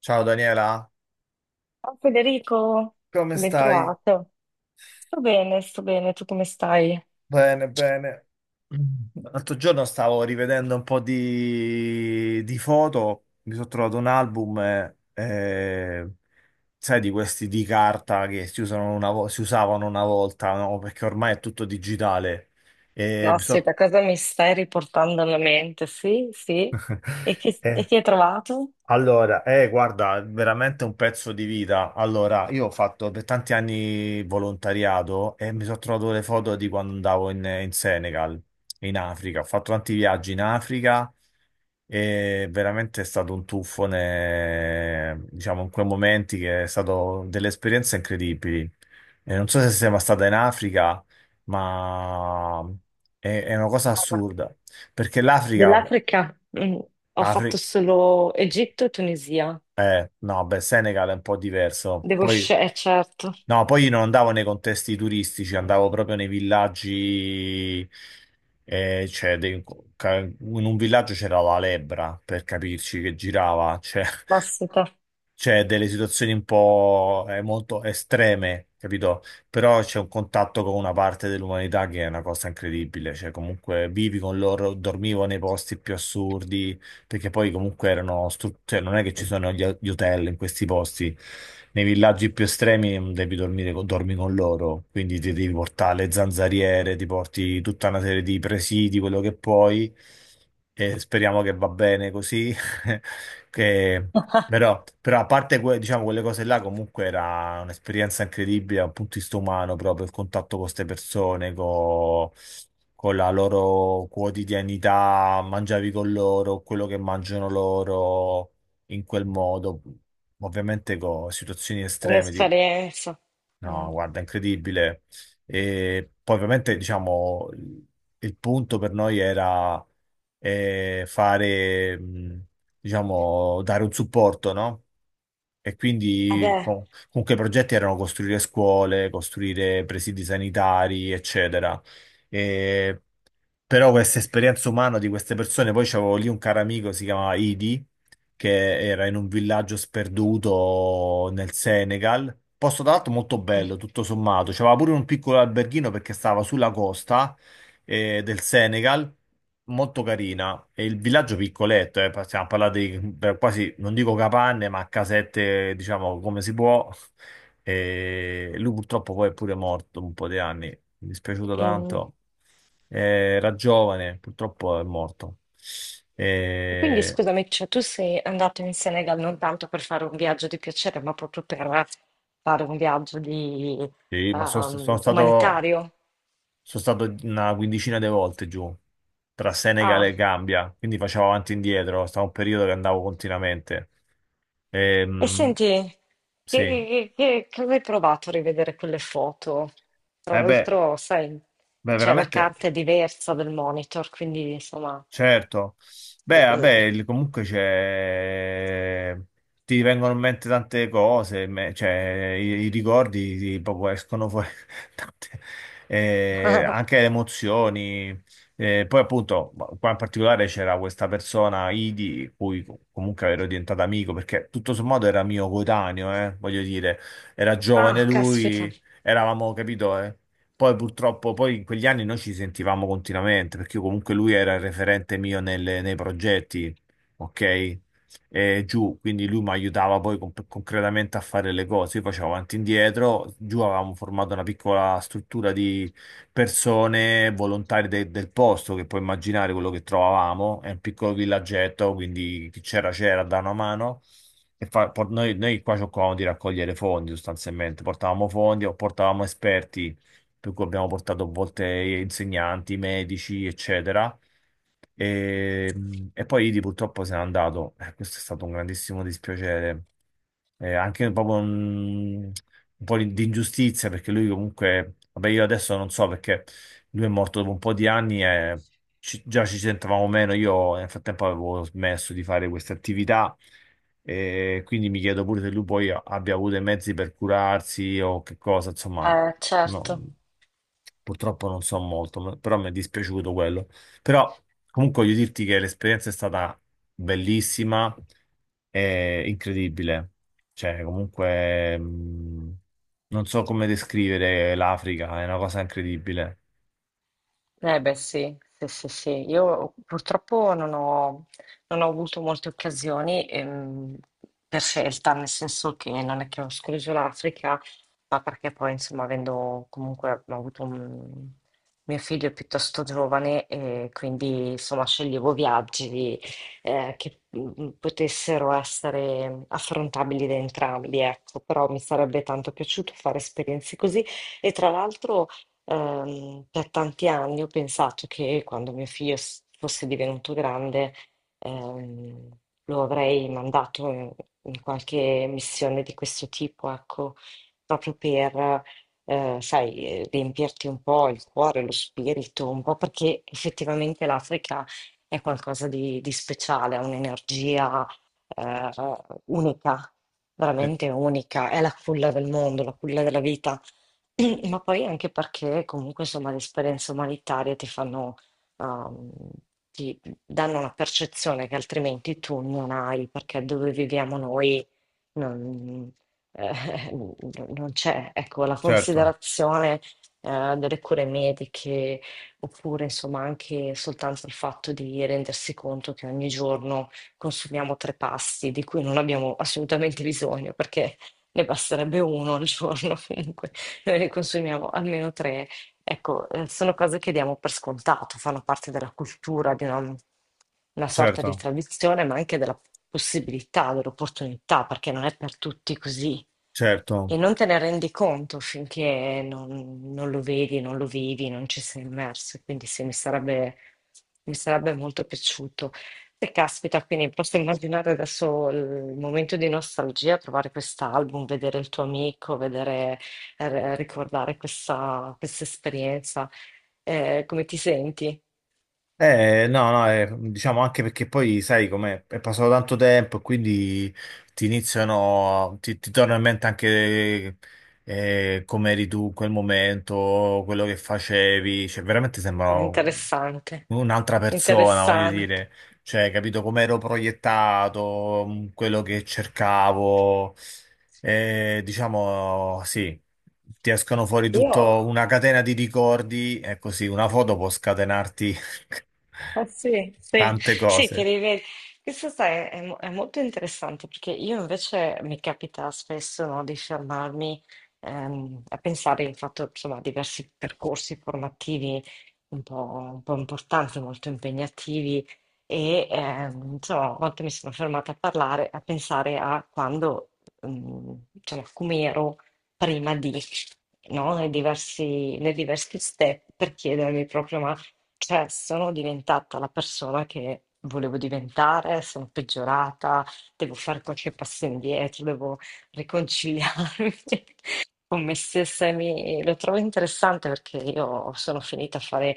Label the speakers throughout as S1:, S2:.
S1: Ciao Daniela,
S2: Ciao Federico,
S1: come
S2: ben
S1: stai?
S2: trovato. Sto bene, tu come stai?
S1: Bene, bene. L'altro giorno stavo rivedendo un po' di foto, mi sono trovato un album, sai, di questi di carta che si usano si usavano una volta, no? Perché ormai è tutto digitale. E mi so-
S2: Caspita, cosa mi stai riportando alla mente? Sì, sì. E chi, e
S1: Eh,
S2: chi hai trovato?
S1: Allora, guarda, è veramente un pezzo di vita. Allora, io ho fatto per tanti anni volontariato e mi sono trovato le foto di quando andavo in Senegal, in Africa. Ho fatto tanti viaggi in Africa e veramente è stato un tuffo, diciamo, in quei momenti che è stato delle esperienze incredibili. E non so se sei mai stata in Africa, ma è una cosa
S2: Guarda,
S1: assurda, perché l'Africa.
S2: dell'Africa. Ho fatto
S1: Afri-
S2: solo Egitto e Tunisia.
S1: No, beh, Senegal è un po' diverso.
S2: Devo
S1: Poi,
S2: scegliere, certo.
S1: no, poi io non andavo nei contesti turistici, andavo proprio nei villaggi, cioè, in un villaggio c'era la lebbra, per capirci, che girava, cioè,
S2: Caspita,
S1: c'è delle situazioni un po' molto estreme, capito? Però c'è un contatto con una parte dell'umanità che è una cosa incredibile, cioè comunque vivi con loro, dormivo nei posti più assurdi, perché poi comunque erano, cioè non è che ci sono gli hotel in questi posti, nei villaggi più estremi, devi dormire, dormi con loro, quindi ti devi portare le zanzariere, ti porti tutta una serie di presidi, quello che puoi, e speriamo che va bene così. che Però a parte diciamo, quelle cose là, comunque era un'esperienza incredibile dal punto di vista umano, proprio il contatto con queste persone, con la loro quotidianità, mangiavi con loro, quello che mangiano loro in quel modo, ovviamente con situazioni estreme. Tipo-
S2: un'esperienza. Mm.
S1: No, guarda, incredibile. E poi ovviamente, diciamo, il punto per noi era, fare, diciamo, dare un supporto, no? E quindi
S2: Vabbè,
S1: comunque i progetti erano costruire scuole, costruire presidi sanitari, eccetera. E però questa esperienza umana di queste persone, poi c'avevo lì un caro amico, si chiamava Idi, che era in un villaggio sperduto nel Senegal. Posto tra l'altro molto bello, tutto sommato. C'aveva pure un piccolo alberghino perché stava sulla costa, del Senegal, molto carina. E il villaggio piccoletto, stiamo parlando di per quasi, non dico capanne, ma casette, diciamo, come si può. E lui purtroppo poi è pure morto un po' di anni, mi è dispiaciuto
S2: mm.
S1: tanto. Eh, Era giovane, purtroppo è morto.
S2: Quindi
S1: Eh,
S2: scusami, cioè, tu sei andato in Senegal non tanto per fare un viaggio di piacere, ma proprio per fare un viaggio di,
S1: Sì, ma sono stato,
S2: umanitario.
S1: sono stato una quindicina di volte giù tra Senegal
S2: Ah,
S1: e Gambia, quindi facevo avanti e indietro, stavo un periodo che andavo continuamente.
S2: e
S1: Ehm,
S2: senti,
S1: sì,
S2: che avevi provato a rivedere quelle foto? Tra
S1: eh beh,
S2: l'altro, sai,
S1: beh,
S2: cioè, la
S1: veramente.
S2: carta è diversa del monitor, quindi insomma...
S1: Certo, beh, vabbè,
S2: eh.
S1: comunque c'è, ti vengono in mente tante cose, cioè, i ricordi proprio escono fuori, tante- anche le emozioni. Poi appunto, qua in particolare c'era questa persona, Idi, cui comunque ero diventato amico, perché tutto sommato era mio coetaneo, voglio dire, era
S2: Ah,
S1: giovane
S2: caspita,
S1: lui, eravamo, capito, eh? Poi purtroppo, poi in quegli anni noi ci sentivamo continuamente, perché io comunque lui era il referente mio nei progetti, ok? E giù, quindi lui mi aiutava poi concretamente a fare le cose. Io facevo avanti e indietro, giù avevamo formato una piccola struttura di persone, volontari del posto, che puoi immaginare quello che trovavamo, è un piccolo villaggetto, quindi chi c'era c'era, da una mano. E noi qua cercavamo di raccogliere fondi sostanzialmente, portavamo fondi o portavamo esperti, per cui abbiamo portato a volte insegnanti, medici, eccetera. E, e poi Idi purtroppo se n'è andato. Questo è stato un grandissimo dispiacere, anche proprio un po' di ingiustizia, perché lui comunque, vabbè, io adesso non so perché lui è morto dopo un po' di anni e già ci sentavamo meno. Io nel frattempo avevo smesso di fare queste attività. E quindi mi chiedo pure se lui poi abbia avuto i mezzi per curarsi o che cosa, insomma, no.
S2: certo.
S1: Purtroppo non so molto, però mi è dispiaciuto quello. Però comunque voglio dirti che l'esperienza è stata bellissima e incredibile. Cioè, comunque, non so come descrivere l'Africa, è una cosa incredibile.
S2: Eh beh sì, sì, sì, sì. Io purtroppo non ho avuto molte occasioni per scelta, nel senso che non è che ho escluso l'Africa, ma perché poi insomma avendo comunque ho avuto un mio figlio è piuttosto giovane e quindi insomma sceglievo viaggi che potessero essere affrontabili da entrambi, ecco, però mi sarebbe tanto piaciuto fare esperienze così. E tra l'altro, per tanti anni ho pensato che quando mio figlio fosse divenuto grande, ehm, lo avrei mandato in, in qualche missione di questo tipo, ecco, proprio per, sai, riempirti un po' il cuore, lo spirito, un po' perché effettivamente l'Africa è qualcosa di speciale, ha un'energia, eh, unica,
S1: Eh,
S2: veramente unica, è la culla del mondo, la culla della vita. Ma poi anche perché comunque insomma le esperienze umanitarie ti fanno, ehm, ti danno una percezione che altrimenti tu non hai, perché dove viviamo noi non, eh, non- non c'è, ecco, la
S1: certo,
S2: considerazione, delle cure mediche, oppure insomma anche soltanto il fatto di rendersi conto che ogni giorno consumiamo tre pasti di cui non abbiamo assolutamente bisogno, perché ne basterebbe uno al giorno comunque. Noi ne consumiamo almeno tre. Ecco, sono cose che diamo per scontato, fanno parte della cultura, di una sorta di
S1: certo.
S2: tradizione, ma anche della possibilità, dell'opportunità, perché non è per tutti così. E
S1: Certo.
S2: non te ne rendi conto finché non, non lo vedi, non lo vivi, non ci sei immerso. Quindi sì, mi sarebbe molto piaciuto. E caspita, quindi posso immaginare adesso il momento di nostalgia, trovare quest'album, vedere il tuo amico, vedere, ricordare questa, questa esperienza. Come ti senti?
S1: No, no, diciamo anche perché poi sai com'è, è passato tanto tempo e quindi ti iniziano, ti torna in mente anche, come eri tu in quel momento, quello che facevi, cioè veramente
S2: È
S1: sembra
S2: interessante,
S1: un'altra persona, voglio
S2: interessante.
S1: dire, cioè, capito come ero proiettato, quello che cercavo. Diciamo, sì, ti escono fuori
S2: Io,
S1: tutto una catena di ricordi, è così, una foto può scatenarti
S2: eh sì, sì,
S1: tante
S2: sì, ti
S1: cose,
S2: rivedi. Questo sai, è, è molto interessante perché io invece mi capita spesso, no, di fermarmi a pensare, ho fatto insomma diversi percorsi formativi un po', un po' importanti, molto impegnativi e insomma, a volte mi sono fermata a parlare, a pensare a quando, diciamo, come ero prima di, no, nei diversi step per chiedermi proprio ma cioè, sono diventata la persona che volevo diventare, sono peggiorata, devo fare qualche passo indietro, devo riconciliarmi. Con me stessa e lo trovo interessante perché io sono finita a fare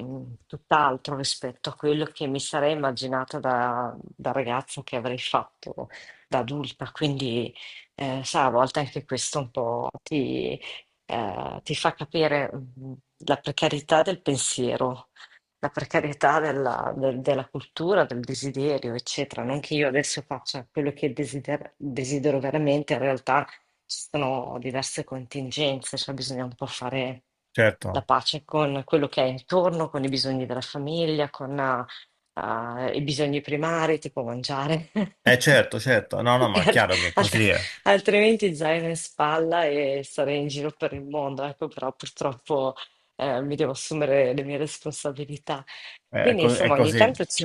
S2: tutt'altro rispetto a quello che mi sarei immaginata da, da ragazza che avrei fatto da adulta. Quindi, sa, a volte anche questo un po' ti, ti fa capire la precarietà del pensiero. La precarietà della, della cultura, del desiderio, eccetera. Non che io adesso faccia quello che desidero veramente, in realtà ci sono diverse contingenze, cioè bisogna un po' fare la
S1: certo,
S2: pace con quello che è intorno, con i bisogni della famiglia, con i bisogni primari, tipo mangiare.
S1: eh certo, certo, no, no,
S2: E
S1: ma è
S2: al-
S1: chiaro che
S2: alt-
S1: così
S2: altrimenti zaino in spalla e sarei in giro per il mondo, ecco, però purtroppo mi devo assumere le mie responsabilità. Quindi,
S1: è
S2: insomma,
S1: così,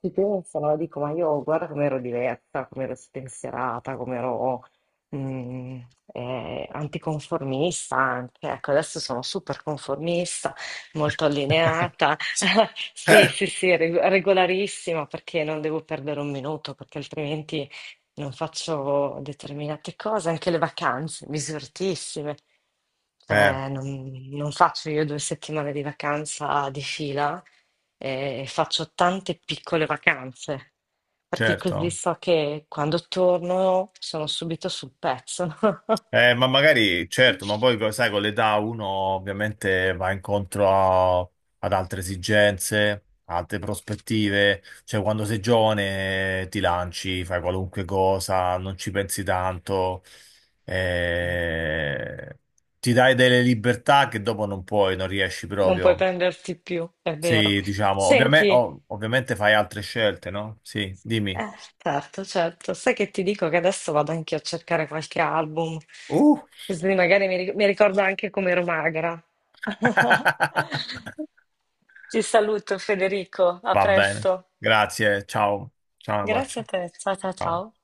S2: ci penso, no? Dico, ma io guarda come ero diversa, come ero spensierata, mhmm, anticonformista anche. Ecco, adesso sono super conformista, molto allineata. Sì, sì, sì, regolarissima perché non devo perdere un minuto, perché altrimenti non faccio determinate cose. Anche le vacanze, misuratissime.
S1: eh,
S2: Cioè non faccio io 2 settimane di vacanza di fila, e faccio tante piccole vacanze, perché così
S1: certo.
S2: so che quando torno sono subito sul pezzo.
S1: Ma magari, certo, ma poi sai, con l'età uno ovviamente va incontro ad altre esigenze, altre prospettive, cioè quando sei giovane, ti lanci, fai qualunque cosa, non ci pensi tanto, eh, ti dai delle libertà che dopo non puoi, non riesci
S2: Non puoi
S1: proprio.
S2: prenderti più, è vero.
S1: Sì, diciamo,
S2: Senti,
S1: ovviamente fai altre scelte, no? Sì, dimmi.
S2: eh, certo, certo. Sai che ti dico che adesso vado anche a cercare qualche album,
S1: Uh!
S2: così magari mi ricordo anche come ero magra. Ti saluto, Federico. A
S1: Va bene,
S2: presto.
S1: grazie, ciao, ciao, un
S2: Grazie
S1: bacio.
S2: a te. Ciao, ciao,
S1: Ciao.
S2: ciao.